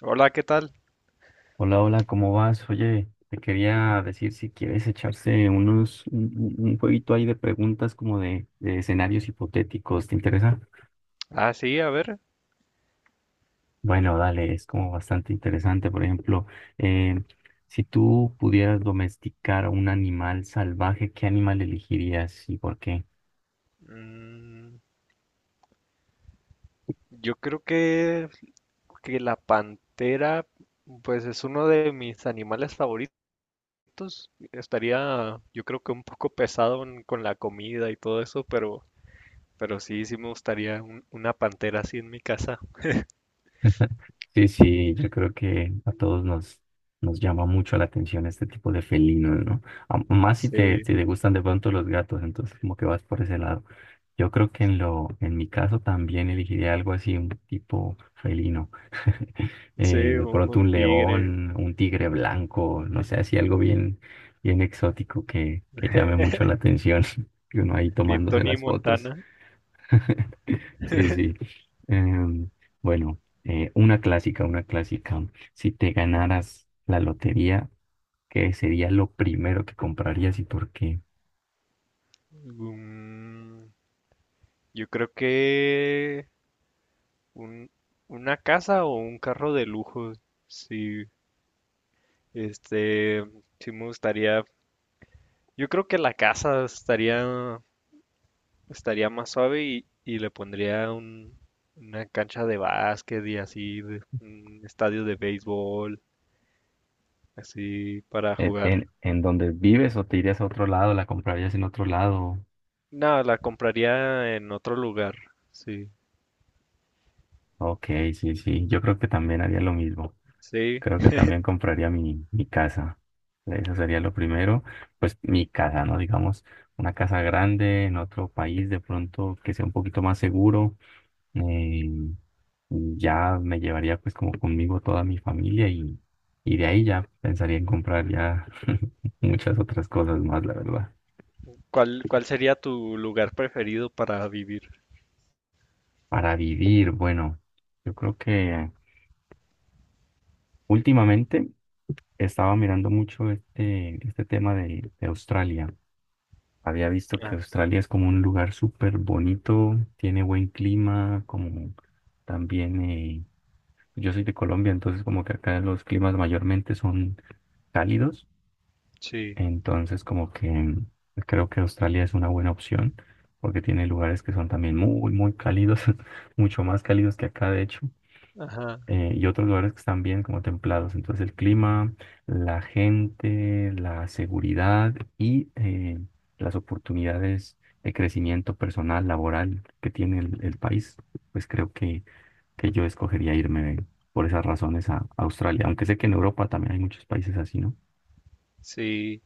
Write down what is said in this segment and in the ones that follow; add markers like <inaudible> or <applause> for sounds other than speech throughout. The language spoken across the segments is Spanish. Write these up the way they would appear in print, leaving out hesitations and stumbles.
Hola, ¿qué tal? Hola, hola, ¿cómo vas? Oye, te quería decir si quieres echarse unos, un, un jueguito ahí de preguntas como de escenarios hipotéticos, ¿te interesa? Ah, sí, a ver. Bueno, dale, es como bastante interesante. Por ejemplo, eh, si tú pudieras domesticar a un animal salvaje, ¿qué animal elegirías y por qué? mm, yo creo que la pantera, pues es uno de mis animales favoritos. Estaría, yo creo que un poco pesado con la comida y todo eso, pero sí, sí me gustaría una pantera así en mi casa. Sí, sí, yo creo que a todos nos llama mucho la atención este tipo de felinos, ¿no? Más si Sí, si te gustan de pronto los gatos, entonces como que vas por ese lado. Yo creo que en en mi caso también elegiría algo así, un tipo felino. <laughs> Sí, De pronto un un tigre. león, un tigre blanco, no sé, así algo bien, bien exótico que llame mucho <laughs> la atención <laughs> y uno ahí Bien tomándose Tony las fotos. Montana. <laughs> Sí, sí. Em, bueno, una clásica, una clásica. Si te ganaras la lotería, ¿qué sería lo primero que comprarías y por qué? Mm, yo creo que un- una casa o un carro de lujo. Sí. Este, sí me gustaría, yo creo que la casa estaría, más suave y le pondría una cancha de básquet y así, un estadio de béisbol, así para jugar. En donde vives o te irías a otro lado? ¿La comprarías en otro lado? No, la compraría en otro lugar, sí, Ok, sí, sí. Yo creo que también haría lo mismo. sí. Creo que también compraría mi casa. Eso sería lo primero. Pues mi casa, ¿no? Digamos, una casa grande en otro país, de pronto que sea un poquito más seguro, eh, ya me llevaría pues como conmigo toda mi familia y de ahí ya pensaría en comprar ya <laughs> muchas otras cosas más, la verdad. ¿Cuál sería tu lugar preferido para vivir? Para vivir, bueno, yo creo que últimamente estaba mirando mucho este tema de Australia. Había visto que Ah, Australia es como un lugar súper bonito, tiene buen clima, como también, yo soy de Colombia, entonces como que acá los climas mayormente son cálidos. sí, Entonces, como que creo que Australia es una buena opción porque tiene lugares que son también muy, muy cálidos, <laughs> mucho más cálidos que acá, de hecho, ajá, y otros lugares que están bien como templados. Entonces, el clima, la gente, la seguridad y las oportunidades de crecimiento personal, laboral que tiene el país, pues creo que yo escogería irme por esas razones a Australia, aunque sé que en Europa también hay muchos países así, ¿no? sí.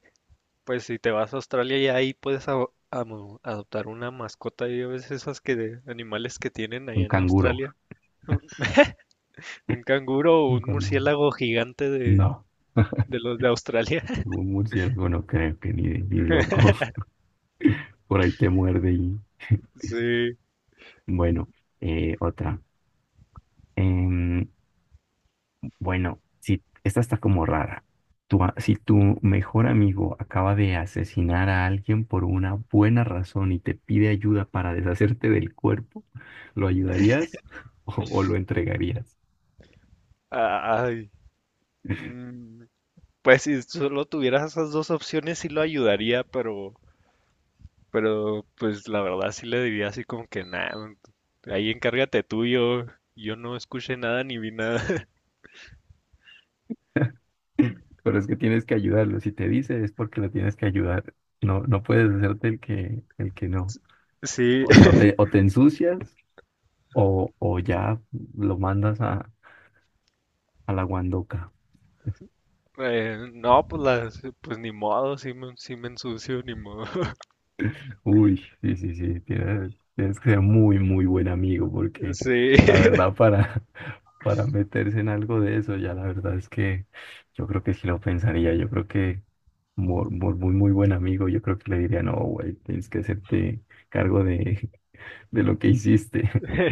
Pues si te vas a Australia y ahí puedes adoptar una mascota. Ya ves esas que de animales que tienen allá Un en canguro. Australia. Un canguro o Un un canguro. murciélago gigante de, No. de los de Australia. <laughs> Un murciélago no creo que ni loco. <laughs> Por ahí te muerde y... <laughs> Sí. Bueno, otra. Em, bueno, si, esta está como rara. Si tu mejor amigo acaba de asesinar a alguien por una buena razón y te pide ayuda para deshacerte del cuerpo, ¿lo ayudarías <laughs> o lo entregarías? Ay. mm, Pues si solo tuvieras esas dos opciones sí lo ayudaría, pero pues la verdad sí le diría así como que nada. Ahí encárgate tú, yo no escuché nada ni vi nada. <laughs> Pero es que tienes que ayudarlo. Si te dice es porque lo tienes que ayudar. No, no puedes hacerte el el que no. Sí. O sea, o o te ensucias. O ya lo mandas a la guandoca. No, pues las, pues ni modo, sí me ensucio, ni modo. <laughs> Uy, sí, sí, sí, tienes que ser muy, muy buen amigo porque Sí. la <laughs> verdad para, <laughs> para meterse en algo de eso, ya la verdad es que yo creo que sí lo pensaría, yo creo que por muy, muy, muy buen amigo, yo creo que le diría, no, güey, tienes que hacerte cargo de, <laughs> de lo que hiciste. <laughs>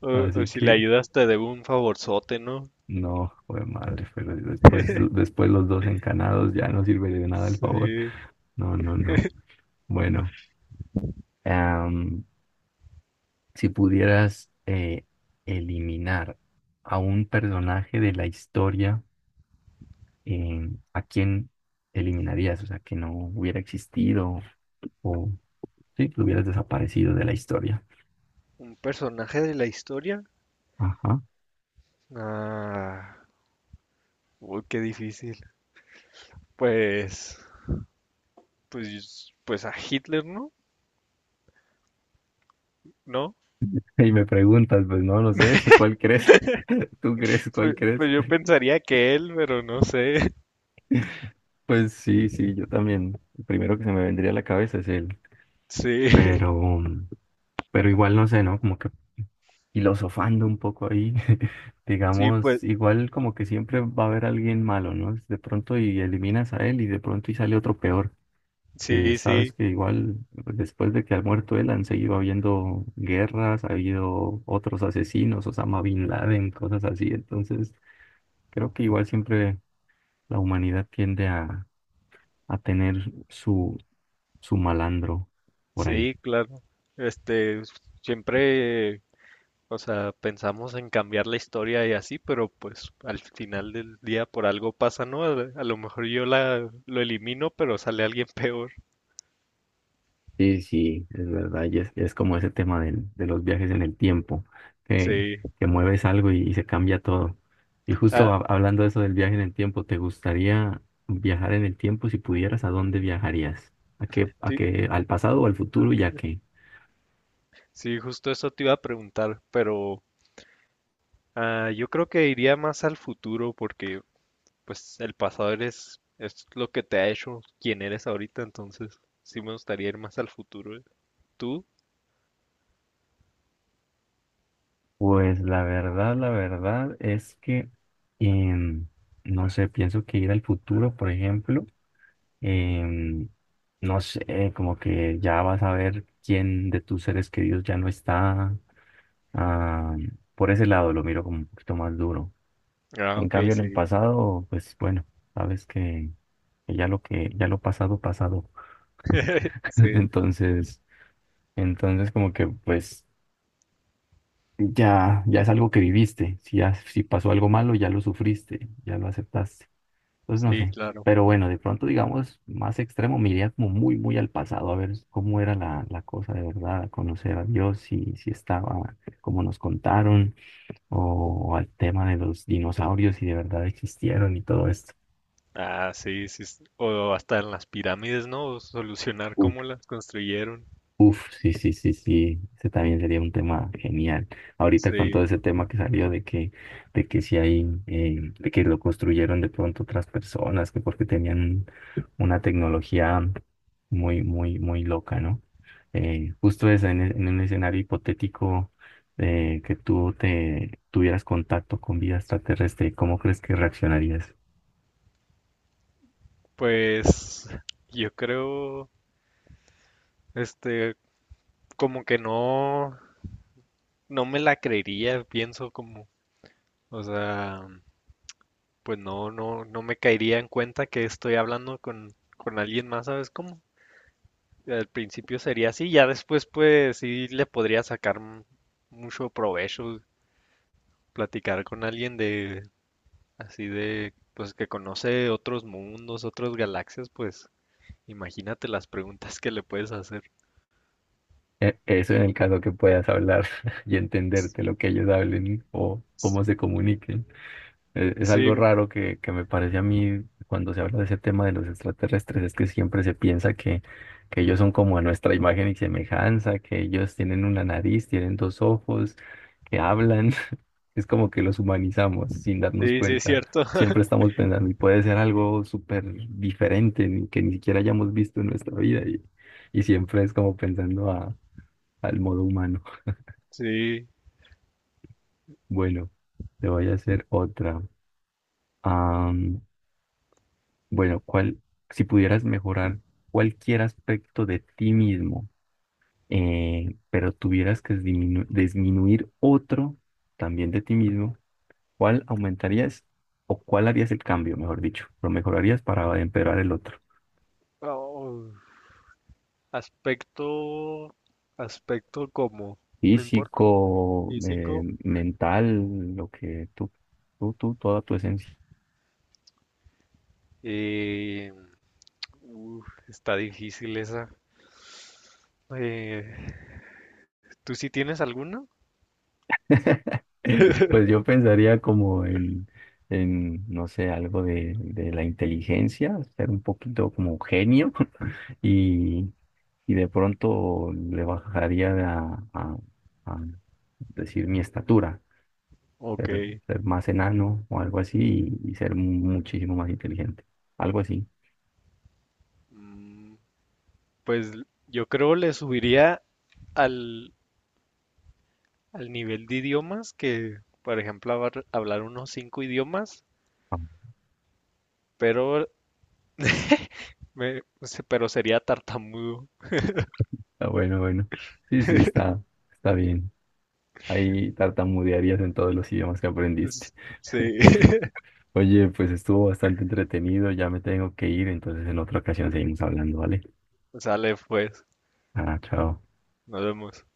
O Así si le que, ayudas te debo un favorzote, ¿no? no, güey, madre, pero después los dos encanados ya no sirve de nada el favor. Sí. No, no, no. Bueno. Am, si pudieras eliminar a un personaje de la historia, ¿a quién eliminarías? O sea, que no hubiera existido o sí, que hubieras desaparecido de la historia. ¿Un personaje de la historia? Ajá. Ah, uy, qué difícil. Pues, pues a Hitler, ¿no? ¿No? <laughs> Y me preguntas, pues no, no sé, <laughs> ¿cuál crees? <laughs> ¿Tú crees? ¿Cuál Pues, crees? pues yo <laughs> pensaría que él, pero no sé. <laughs> Pues sí, sí, yo también. El primero que se me vendría a la cabeza es él. Sí, Pero, pero igual no sé, ¿no? Como que filosofando un poco ahí, <laughs> sí, pues, digamos, igual como que siempre va a haber alguien malo, ¿no? De pronto y eliminas a él y de pronto y sale otro peor. Sí, Sabes sí, que igual después de que ha muerto él han seguido habiendo guerras, ha habido otros asesinos, Osama Bin Laden, cosas así. Entonces, creo que igual siempre la humanidad tiende a tener su malandro por ahí. sí, claro. Este, siempre. O sea, pensamos en cambiar la historia y así, pero pues al final del día por algo pasa, ¿no? A lo mejor yo lo elimino, pero sale alguien <laughs> peor. Sí, sí, es verdad, es como ese tema de los viajes en el tiempo, que, Sí. que mueves algo y se cambia todo. Y justo Ah, hablando de eso del viaje en el tiempo, ¿te gustaría viajar en el tiempo? Si pudieras, ¿a dónde viajarías? Sí, Al pasado o al futuro y a qué? sí, justo eso te iba a preguntar, pero yo creo que iría más al futuro porque pues el pasado eres, es lo que te ha hecho quien eres ahorita, entonces sí me gustaría ir más al futuro. ¿Eh? ¿Tú? Pues la verdad es que, em, no sé, pienso que ir al futuro, por ejemplo, em, no sé, como que ya vas a ver quién de tus seres queridos ya no está. Ah, por ese lado lo miro como un poquito más duro. Ah, En ok, cambio, en el sí, pasado, pues bueno, sabes que ya lo ya lo pasado, pasado. <laughs> sí, Entonces, entonces como que pues ya, ya es algo que viviste. Si ya, si pasó algo malo, ya lo sufriste, ya lo aceptaste. Entonces no sí, sé. claro. Pero bueno, de pronto, digamos, más extremo, me iría como muy, muy al pasado, a ver cómo era la cosa de verdad, a conocer a Dios, si, si estaba, como nos contaron o al tema de los dinosaurios si de verdad existieron y todo esto. Ah, sí, sí. O hasta en las pirámides, ¿no? Solucionar Uf, cómo las construyeron. uf, sí, sí, sí, sí, ese también sería un tema genial. Ahorita con Sí. todo ese tema que salió de que si hay, de que lo construyeron de pronto otras personas, que porque tenían una tecnología muy, muy, muy loca, ¿no? Justo eso, en un escenario hipotético que tú te tuvieras contacto con vida extraterrestre, ¿cómo crees que reaccionarías? Pues yo creo, este, como que no me la creería, pienso como, o sea, pues no me caería en cuenta que estoy hablando con alguien más, ¿sabes cómo? Al principio sería así, ya después pues sí le podría sacar mucho provecho platicar con alguien así de, pues que conoce otros mundos, otras galaxias, pues imagínate las preguntas que le puedes hacer. Eso en el caso que puedas hablar <laughs> y entenderte lo que ellos hablen o cómo se comuniquen. Es, Sí, algo raro que me parece a mí cuando se habla de ese tema de los extraterrestres, es que siempre se piensa que ellos son como a nuestra imagen y semejanza, que ellos tienen una nariz, tienen dos ojos, que hablan. <laughs> Es como que los humanizamos sin darnos sí, sí, es cuenta. cierto. <laughs> Siempre estamos pensando y puede ser algo súper diferente que ni siquiera hayamos visto en nuestra vida y siempre es como pensando "Ah, al modo humano". Sí. Bueno, te voy a hacer otra. Am, bueno, ¿cuál, si pudieras mejorar cualquier aspecto de ti mismo, pero tuvieras que disminuir otro también de ti mismo, ¿cuál aumentarías o cuál harías el cambio, mejor dicho? Lo mejorarías para empeorar el otro. Oh, aspecto, aspecto como, no importa, Físico, físico. mental, lo que tú, toda tu esencia. Eh, uf, está difícil esa. Eh, ¿tú sí tienes alguna? <laughs> Pues yo pensaría como en no sé, algo de la inteligencia, ser un poquito como un genio <laughs> y, y de pronto le bajaría a decir mi estatura, Ok. Ser más enano o algo así y ser muchísimo más inteligente, algo así. Mm, Pues yo creo le subiría al, al nivel de idiomas que, por ejemplo, hablar unos cinco idiomas, Ah, pero, pero sería tartamudo. ah, bueno, bueno, sí, sí, está, está bien. Ahí tartamudearías en todos los idiomas que aprendiste. Es- <laughs> Sí, <laughs> Oye, pues estuvo bastante entretenido, ya me tengo que ir, entonces en otra ocasión seguimos hablando, ¿vale? sale pues, Ah, chao. nos vemos.